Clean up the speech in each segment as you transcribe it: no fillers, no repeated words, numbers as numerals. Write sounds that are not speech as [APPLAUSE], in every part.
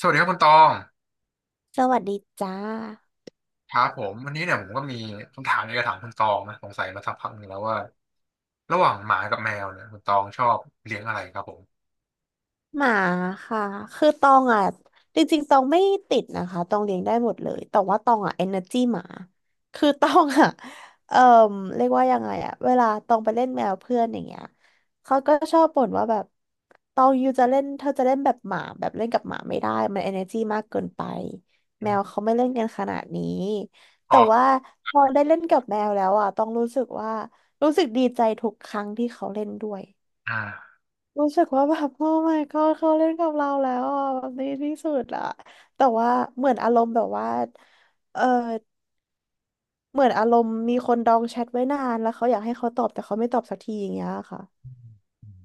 สวัสดีครับคุณตอง สวัสดีจ้าครับผมวันนี้เนี่ยผมก็มีคำถามอยากจะถามคุณตองนะสงสัยมาสักพักหนึ่งแล้วว่าระหว่างหมากับแมวเนี่ยคุณตองชอบเลี้ยงอะไรครับผมหมาค่ะคือตองอ่ะจริงๆตองไม่ติดนะคะตองเลี้ยงได้หมดเลยแต่ว่าตองอ่ะเอเนอร์จีหมาคือตองอ่ะ [LAUGHS] เอ่อเรียกว่ายังไงอ่ะเวลาตองไปเล่นแมวเพื่อนอย่างเงี้ยเขาก็ชอบบ่นว่าแบบตองยูจะเล่นเธอจะเล่นแบบหมาแบบเล่นกับหมาไม่ได้มันเอเนอร์จีมากเกินไปแมวเขาไม่เล่นกันขนาดนี้อ๋อแต่ว่าพอได้เล่นกับแมวแล้วอ่ะตองรู้สึกดีใจทุกครั้งที่เขาเล่นด้วย อ่ารู้สึกว่าแบบโอ้ my god เขาเล่นกับเราแล้วอ่ะแบบนี้ที่สุดอ่ะแต่ว่าเหมือนอารมณ์แบบว่าเออเหมือนอารมณ์มีคนดองแชทไว้นานแล้วเขาอยากให้เขาตอบแต่เขาไม่ตอบสักทีอย่างเงี้ยค่ะ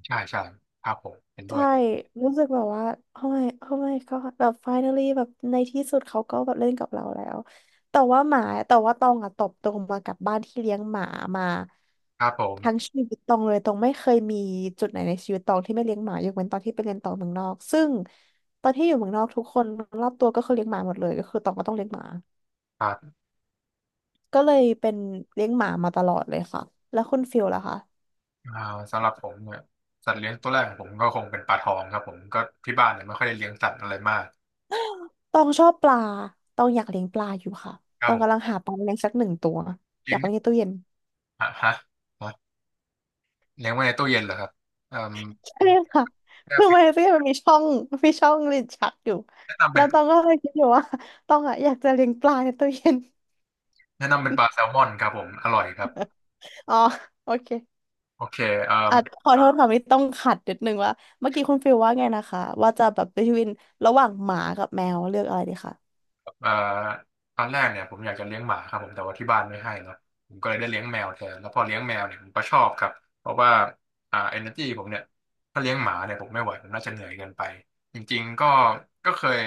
ใช่ใช่ครับผมเห็นด้วยใช่รู้สึกแบบว่าโอ้ my god แบบ finally แบบในที่สุดเขาก็แบบเล่นกับเราแล้วแต่ว่าหมาแต่ว่าตองอะตบตรงมากับบ้านที่เลี้ยงหมามาครับผทั้งมชีวิตตองเลยตองไม่เคยมีจุดไหนในชีวิตตองที่ไม่เลี้ยงหมายกเว้นตอนที่ไปเรียนต่อเมืองนอกซึ่งตอนที่อยู่เมืองนอกทุกคนรอบตัวก็คือเลี้ยงหมาหมดเลยก็คือตองก็ต้องเลี้ยงหมาครับก็เลยเป็นเลี้ยงหมามาตลอดเลยค่ะแล้วคุณฟิลล่ะคะ อ่าสำหรับผมเนี่ยสัตว์เลี้ยงตัวแรกของผมก็คงเป็นปลาทองครับผมก็ที่บ้านเนี่ยไม่ค่อยได้เลี้ยงสัตว์อะไรมากตองชอบปลาตองอยากเลี้ยงปลาอยู่ค่ะคตรับองผกำลังมหาปลาเลี้ยงสักหนึ่งตัวอเลี้ยายงกเลี้ยงในตู้เย็นฮะฮะฮะเลี้ยงไว้ในตู้เย็นเหรอครับเอ่มใช่ค่ะคือมันในตู้เย็นมันมีช่องลิ้นชักอยู่แนะนำเป็แล้นวตองก็เลยคิดอยู่ว่าตองอะอยากจะเลี้ยงปลาในตู้เย็นปลาแซลมอนครับผมอร่อยครับอ๋อโอเคโอเคเอ่อ อ่ะขอโทษค่ะไม่ต้องขัดนิดนึงว่าเมื่อกี้คุณฟิลว่าไงนะคะว่าจะแบบดนวินระหว่างหมากับแมวเลือกอะไรดีคะเอ่อตอนแรกเนี่ยผมอยากจะเลี้ยงหมาครับผมแต่ว่าที่บ้านไม่ให้เนาะผมก็เลยได้เลี้ยงแมวแทนแล้วพอเลี้ยงแมวเนี่ยผมก็ชอบครับเพราะว่าเอเนอร์จีผมเนี่ยถ้าเลี้ยงหมาเนี่ยผมไม่ไหวผมน่าจะเหนื่อยเกินไปจริงๆก็เคย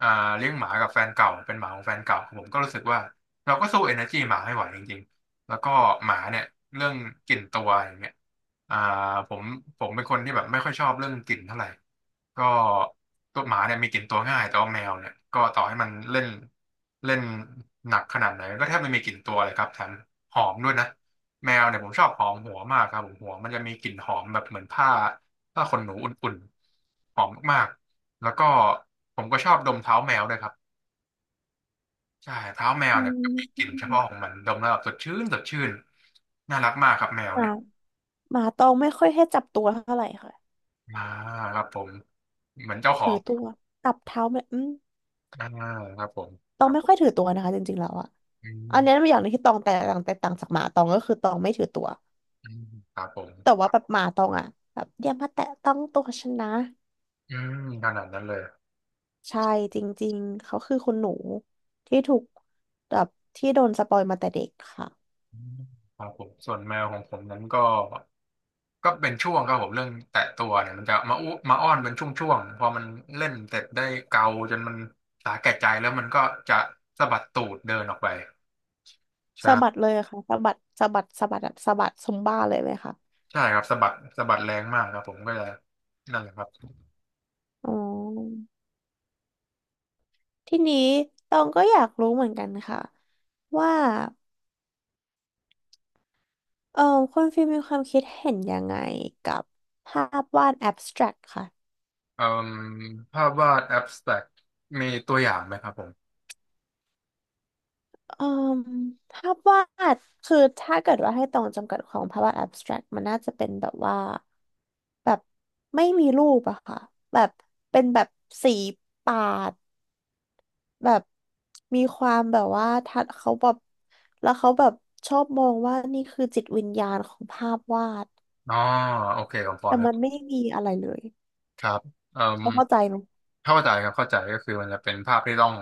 อ่าเลี้ยงหมากับแฟนเก่าเป็นหมาของแฟนเก่าผมก็รู้สึกว่าเราก็สู้เอเนอร์จีหมาไม่ไหวจริงๆ แล้วก็หมาเนี่ยเรื่องกลิ่นตัวอย่างเงี้ยอ่าผมเป็นคนที่แบบไม่ค่อยชอบเรื่องกลิ่นเท่าไหร่ก็ตัวหมาเนี่ยมีกลิ่นตัวง่ายแต่ว่าแมวเนี่ยก็ต่อให้มันเล่นเล่นหนักขนาดไหนก็แทบไม่มีกลิ่นตัวเลยครับแถมหอมด้วยนะแมวเนี่ยผมชอบหอมหัวมากครับผมหัวมันจะมีกลิ่นหอมแบบเหมือนผ้าขนหนูอุ่นๆหอมมากๆแล้วก็ผมก็ชอบดมเท้าแมวด้วยครับ ใช่เท้าแมวอืเนี่ยมีกลิ่นเฉมพาะของมันดมแล้วแบบสดชื่นสดชื่นน่ารักมากครับแมวหมาเนี่ยหมาตองไม่ค่อยให้จับตัวเท่าไหร่ค่ะอ่าครับผมเหมือนเจ้าขอถืงอตัวจับเท้าไม่อืม อ่าครับผมตองไม่ค่อยถือตัวนะคะจริงๆ แล้วอะอือันเนี้ยเป็มนอย่างหนึงที่ตองแตกต่างจากหมาตองก็คือตองไม่ถือตัวอืมครับผมแต่ว่าแบบหมาตองอะแบบอย่ามาแตะต้องตัวฉันนะอืมขนาดนั้นเลยใช่จริงๆเขาคือคุณหนูที่ถูกแบบที่โดนสปอยมาแต่เด็กค่ะอืมครับผมส่วนแมวของผมนั้นก็ก็เป็นช่วงครับผมเรื่องแตะตัวเนี่ยมันจะมาอุมาอ้อนเป็นช่วงๆพอมันเล่นเสร็จได้เกาจนมันสาแก่ใจแล้วมันก็จะสะบัดตูดเดินออกไปสะบัดใช่เลยค่ะสะบัดสะบัดสะบัดอะสะบัดซุมบ้าเลยไหมคะใช่ครับสะบัดสะบัดแรงมากครับผมก็จะนั่นแหละครับ อ๋อทีนี้ตองก็อยากรู้เหมือนกันค่ะว่าเออคุณฟิลมมีความคิดเห็นยังไงกับภาพวาดแอบสแตรกค่ะ เอ่มภาพวาดแอบสแต็กมีตัวอย่างไหมครับผม อืมภาพวาดคือถ้าเกิดว่าให้ตรงจำกัดของภาพวาด abstract มันน่าจะเป็นแบบว่าแบบไม่มีรูปอะค่ะแบบเป็นแบบสีปาดแบบมีความแบบว่าทัดเขาแบบแล้วเขาแบบชอบมองว่านี่คือจิตวิญญาณของภาพวาดอ๋อ โอเคผมพอแต่นึกมันไม่มีอะไรเลยครับเอ่ม เราเข้าใจไหม เข้าใจครับเข้าใจก็คือมันจะเป็นภาพที่ต้อง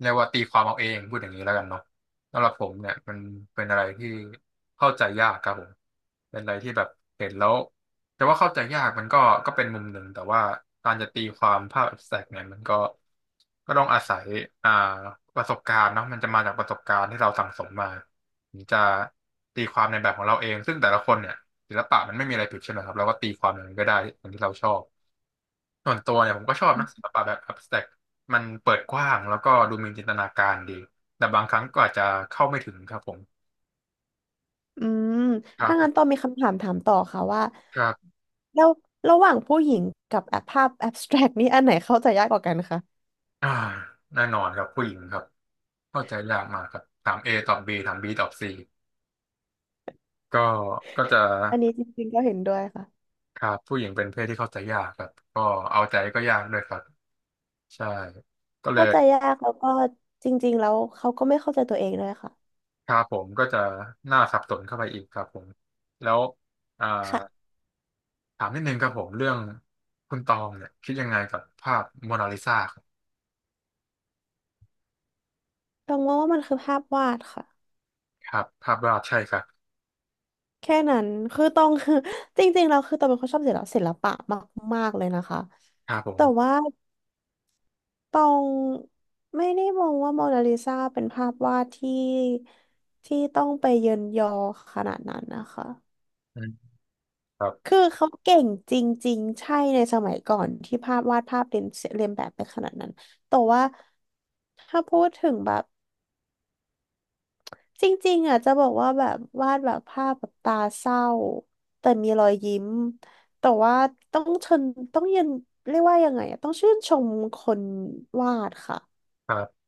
เรียกว่าตีความเอาเองพูดอย่างนี้แล้วกันเนาะสำหรับผมเนี่ยมันเป็นอะไรที่เข้าใจยากครับผมเป็นอะไรที่แบบเห็นแล้วแต่ว่าเข้าใจยากมันก็ก็เป็นมุมหนึ่งแต่ว่าการจะตีความภาพ abstract เนี่ยมันก็ก็ต้องอาศัยอ่าประสบการณ์เนาะมันจะมาจากประสบการณ์ที่เราสั่งสมมาถึงจะตีความในแบบของเราเองซึ่งแต่ละคนเนี่ยศิลปะมันไม่มีอะไรผิดใช่ไหมครับเราก็ตีความอย่างนั้นก็ได้อย่างที่เราชอบ ส่วนตัวเนี่ยผมก็ชอบนะศิลปะแบบ abstract มันเปิดกว้างแล้วก็ดูมีจินตนาการดีแต่บางครั้งก็อาจจะเข้าไม่ถึงครับผมอืมคถ้างั้รับนต้องมีคำถามถามต่อค่ะว่าครับแล้วระหว่างผู้หญิงกับแอปภาพแอบสแตรกนี่อันไหนเข้าใจยากกว่ากันคะอ่าแน่นอนครับผู้หญิงครับเข้าใจยากมากครับถาม A ตอบ B ถาม B ตอบ C ก็จะอันนี้จริงๆก็เห็นด้วยค่ะครับผู้หญิงเป็นเพศที่เข้าใจยากครับก็เอาใจก็ยากด้วยครับใช่ก็เลเข้ายใจยากแล้วก็จริงๆแล้วเขาก็ไม่เข้าใจตัวเองด้วยค่ะครับผมก็จะหน้าสับสนเข้าไปอีกครับผมแล้วอ่า ค่ะถามนิดนึงครับผมเรื่องคุณตองเนี่ยคิดยังไงกับภาพโมนาลิซาต้องมองว่ามันคือภาพวาดค่ะครับภาพวาดใช่ครับแค่นั้นคือต้อง [LAUGHS] คือ [LAUGHS] จริงๆเราคือตองเป็นคนชอบศิลปะมากๆเลยนะคะครับผมแต่ว่า ตองไม่ได้มองว่าโมนาลิซาเป็นภาพวาดที่ต้องไปเยินยอขนาดนั้นนะคะอืมครับคือเขาเก่งจริงๆใช่ในสมัยก่อนที่ภาพวาดภาพเลียนแบบไปขนาดนั้นแต่ว่าถ้าพูดถึงแบบจริงๆอ่ะจะบอกว่าแบบวาดแบบภาพแบบตาเศร้าแต่มีรอยยิ้มแต่ว่าต้องชนต้องเยินเรียกว่ายังไงอะต้องชื่นชมคนวาดค่ะ ครับ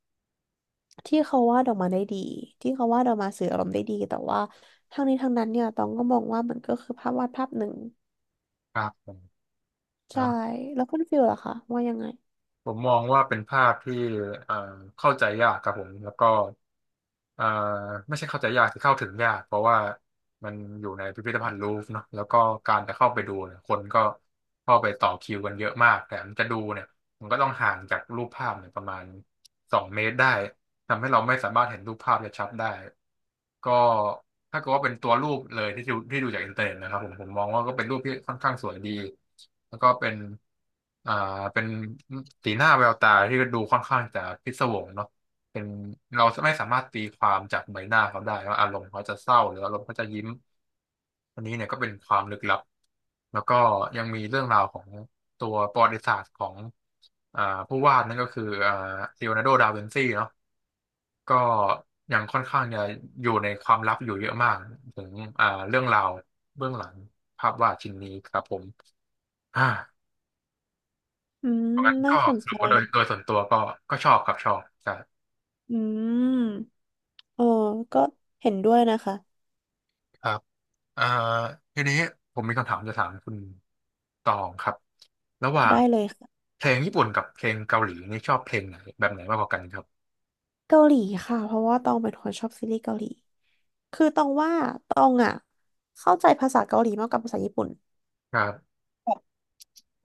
ที่เขาวาดออกมาได้ดีที่เขาวาดออกมาสื่ออารมณ์ได้ดีแต่ว่าทั้งนี้ทั้งนั้นเนี่ยตองก็มองว่ามันก็คือภาพวาดภาพหนึ่งครับผมนะใช่แล้วคุณฟิลล่ะคะว่ายังไงผมมองว่าเป็นภาพที่เอ่อเข้าใจยากครับผมแล้วก็เอ่อไม่ใช่เข้าใจยากคือเข้าถึงยากเพราะว่ามันอยู่ในพิพิธภัณฑ์ลูฟร์เนาะแล้วก็การจะเข้าไปดูเนี่ยคนก็เข้าไปต่อคิวกันเยอะมากแต่มันจะดูเนี่ยมันก็ต้องห่างจากรูปภาพเนี่ยประมาณ2 เมตรได้ ทำให้เราไม่สามารถเห็นรูปภาพได้ชัดได้ก็ถ้าเกิดว่าเป็นตัวรูปเลยที่ดูจากอินเทอร์เน็ตนะครับผมผมมองว่าก็เป็นรูปที่ค่อนข้างสวยดีแล้วก็เป็นอ่าเป็นสีหน้าแววตาที่ดูค่อนข้างจะพิศวงเนาะเป็นเราไม่สามารถตีความจากใบหน้าเขาได้ว่าอารมณ์เขาจะเศร้าหรืออารมณ์เขาจะยิ้มอันนี้เนี่ยก็เป็นความลึกลับแล้วก็ยังมีเรื่องราวของตัวประวัติศาสตร์ของอ่าผู้วาดนั่นก็คือลีโอนาร์โดดาวินซีเนาะ ก็ยังค่อนข้างจะอยู่ในความลับอยู่เยอะมากถึงเรื่องราวเบื้องหลังภาพวาดชิ้นนี้ครับผมอ่าอืมเพราะงั้นน่าก็สนสรุใจปว่าโดยส่วนตัวก็ก็ชอบครับชอบใช่อืมเออก็เห็นด้วยนะคะครับอ่าทีนี้ผมมีคำถามจะถามคุณตองครับระหว่างได้เลยค่ะเพลงญี่ปุ่นกับเพลงเกาหลีนี่ชอบเพลงไหนแบบไหนมากกว่ากันครับเกาหลีค่ะเพราะว่าตองเป็นคนชอบซีรีส์เกาหลีคือตองว่าตองอ่ะเข้าใจภาษาเกาหลีมากกว่าภาษาญี่ปุ่นครับ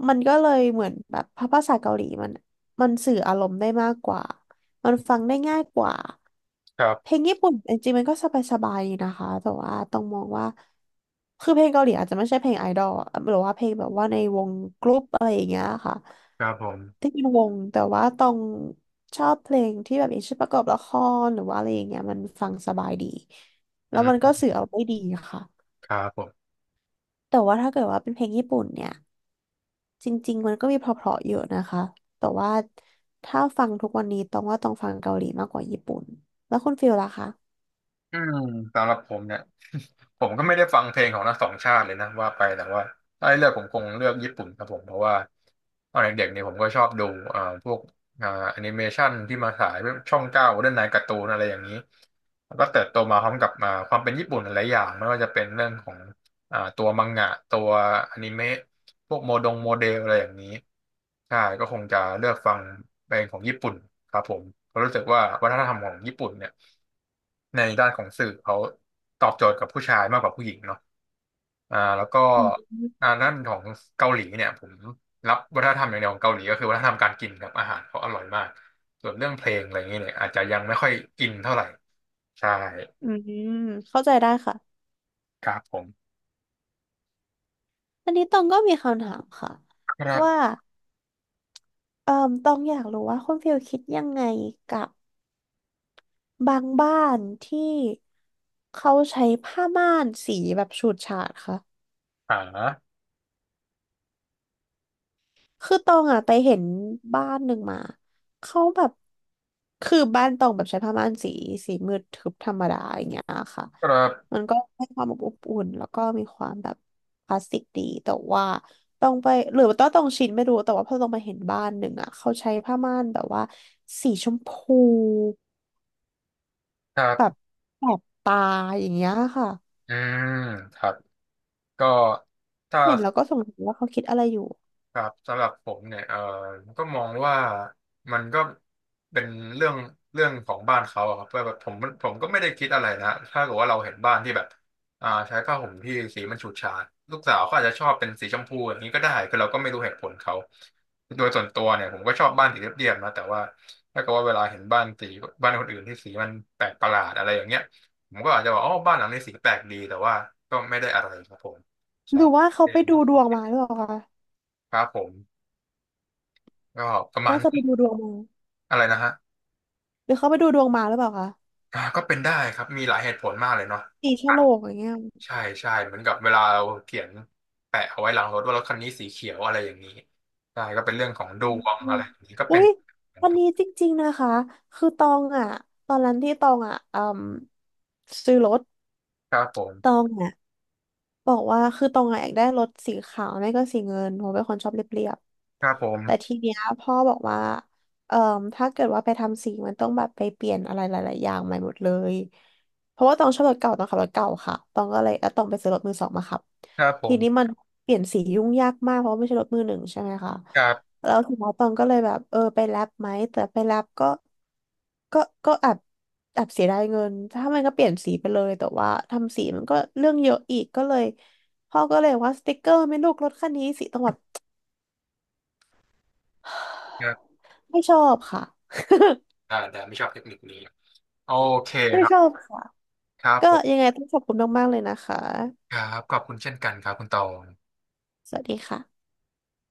มันก็เลยเหมือนแบบภาษาเกาหลีมันสื่ออารมณ์ได้มากกว่ามันฟังได้ง่ายกว่า ครัเพลบงญี่ปุ่นจริงๆมันก็สบายๆดีนะคะแต่ว่าต้องมองว่าคือเพลงเกาหลีอาจจะไม่ใช่เพลงไอดอลอะหรือว่าเพลงแบบว่าในวงกรุ๊ปอะไรอย่างเงี้ยค่ะครับผมที่เป็นวงแต่ว่าต้องชอบเพลงที่แบบอย่างเช่นประกอบละครหรือว่าอะไรอย่างเงี้ยมันฟังสบายดีอืแล้วมันมก็สื่อเอาได้ดีค่ะครับผม แต่ว่าถ้าเกิดว่าเป็นเพลงญี่ปุ่นเนี่ยจริงๆมันก็มีเพราะๆเยอะนะคะแต่ว่าถ้าฟังทุกวันนี้ต้องว่าต้องฟังเกาหลีมากกว่าญี่ปุ่นแล้วคุณฟิลล่ะคะอืมสำหรับผมเนี่ย [LAUGHS] ผมก็ไม่ได้ฟังเพลงของทั้งสองชาติเลยนะว่าไปแต่ว่าถ้าให้เลือกผมคงเลือกญี่ปุ่นครับผมเพราะว่าตอนเด็กๆเนี่ยผมก็ชอบดูพวกแอนิเมชันที่มาฉายช่องเก้าเรื่องนายการ์ตูนอะไรอย่างนี้แล้วก็เติบโตมาพร้อมกับความเป็นญี่ปุ่นหลายๆอย่างไม่ว่าจะเป็นเรื่องของ ตัวมังงะตัวอนิเมะพวกโมดงโมเดลอะไรอย่างนี้ใช่ก็คงจะเลือกฟังเพลงของญี่ปุ่นครับผมเพราะรู้สึกว่าวัฒนธรรมของญี่ปุ่นเนี่ยในด้านของสื่อเขาตอบโจทย์กับผู้ชายมากกว่าผู้หญิงเนาะแล้วก็อืม ด้านของเกาหลีเนี่ยผมรับวัฒนธรรมอย่างเดียวของเกาหลีก็คือวัฒนธรรมการกินครับอาหารเขาอร่อยมากส่วนเรื่องเพลงอะไรอย่างเงี้ยเนี่ยอาจจะยังไม่ค่อยอินเท่าไหร่ใช่อืมเข้าใจได้ค่ะครับผมอันนี้ตองก็มีคำถามค่ะครัว่าบตองอยากรู้ว่าคุณฟิลคิดยังไงกับบางบ้านที่เขาใช้ผ้าม่านสีแบบฉูดฉาดค่ะ อ่าคือตองอ่ะไปเห็นบ้านหนึ่งมาเขาแบบคือบ้านตองแบบใช้ผ้าม่านสีสีมืดทึบธรรมดาอย่างเงี้ยค่ะครัมับนก็ให้ความอบอบอุ่นแล้วก็มีความแบบคลาสสิกดีแต่ว่าต้องไปหรือว่าต้องชินไม่รู้แต่ว่าพอต้องมาเห็นบ้านหนึ่งอ่ะเขาใช้ผ้าม่านแบบว่าสีชมพูครัแบบบ แสบตาอย่างเงี้ยค่ะอ่าครับก็ถ้า เห็นแล้วก็สงสัยว่าเขาคิดอะไรอยู่ครับสำหรับผมเนี่ยเออก็มองว่ามันก็เป็นเรื่องเรื่องของบ้านเขาอะครับว่าแบบผมก็ไม่ได้คิดอะไรนะถ้าเกิดว่าเราเห็นบ้านที่แบบใช้ผ้าห่มที่สีมันฉูดฉาดลูกสาวเขาอาจจะชอบเป็นสีชมพูอย่างนี้ก็ได้คือเราก็ไม่รู้เหตุผลเขาโดยส่วนตัวเนี่ยผมก็ชอบบ้านสีเรียบๆนะแต่ว่าถ้าเกิดว่าเวลาเห็นบ้านสีบ้านคนอื่นที่สีมันแปลกประหลาดอะไรอย่างเงี้ยผมก็อาจจะบอกอ๋อบ้านหลังนี้สีแปลกดีแต่ว่าก็ไม่ได้อะไรครับผมหใช่รือว่าเขาเอไปงดูดวงมาหรือเปล่าคะครับผม ก็ประมาณน่าน้จะไปดูดวงมาอะไรนะฮะหรือเขาไปดูดวงมาหรือเปล่าคะ ก็เป็นได้ครับมีหลายเหตุผลมากเลยเนาะสีฉลกอย่างเงี้ยใช่ใช่เหมือนกับเวลาเราเขียนแปะเอาไว้หลังรถว่ารถคันนี้สีเขียวอะไรอย่างนี้ใช่ก็เป็นเรื่องของดอืมวงอะไรอย่างนี้ก็อุ้เป็นยวัคนรับนี้จริงๆนะคะ คือตองอ่ะตอนนั้นที่ตองอ่ะอืมซื้อรถครับผตอมงอ่ะบอกว่าคือตองอ่ะอยากได้รถสีขาวไม่ก็สีเงินเพราะเป็นคนชอบเรียบครับผๆ แต่มทีเนี้ยพ่อบอกว่าเอ่อถ้าเกิดว่าไปทำสีมันต้องแบบไปเปลี่ยนอะไรหลายๆอย่างใหม่หมดเลยเพราะว่าต้องชอบรถเก่าต้องขับรถเก่าค่ะต้องก็เลยเออต้องไปซื้อรถมือสองมาขับ ครับผทีมนี้มันเปลี่ยนสียุ่งยากมากเพราะว่าไม่ใช่รถมือหนึ่งใช่ไหมคะครับแล้วทีนี้ตองก็เลยแบบเออไปแลบไหมแต่ไปแลบก็ก็ก็แอบเสียดายเงินถ้ามันก็เปลี่ยนสีไปเลยแต่ว่าทำสีมันก็เรื่องเยอะอีกก็เลยพ่อก็เลยว่าสติ๊กเกอร์ไหม่ลูกรถคันนี้สีต้องแบบ ครับไม่ชอบค่ะ แต่ไม่ชอบเทคนิคนี้โอเคไม่ครัชอบบค่ะ ครับก็ผยัมงไงต้องขอบคุณมากๆเลยนะคะ ครับขอบคุณเช่นกันครับคุณตองสวัสดีค่ะ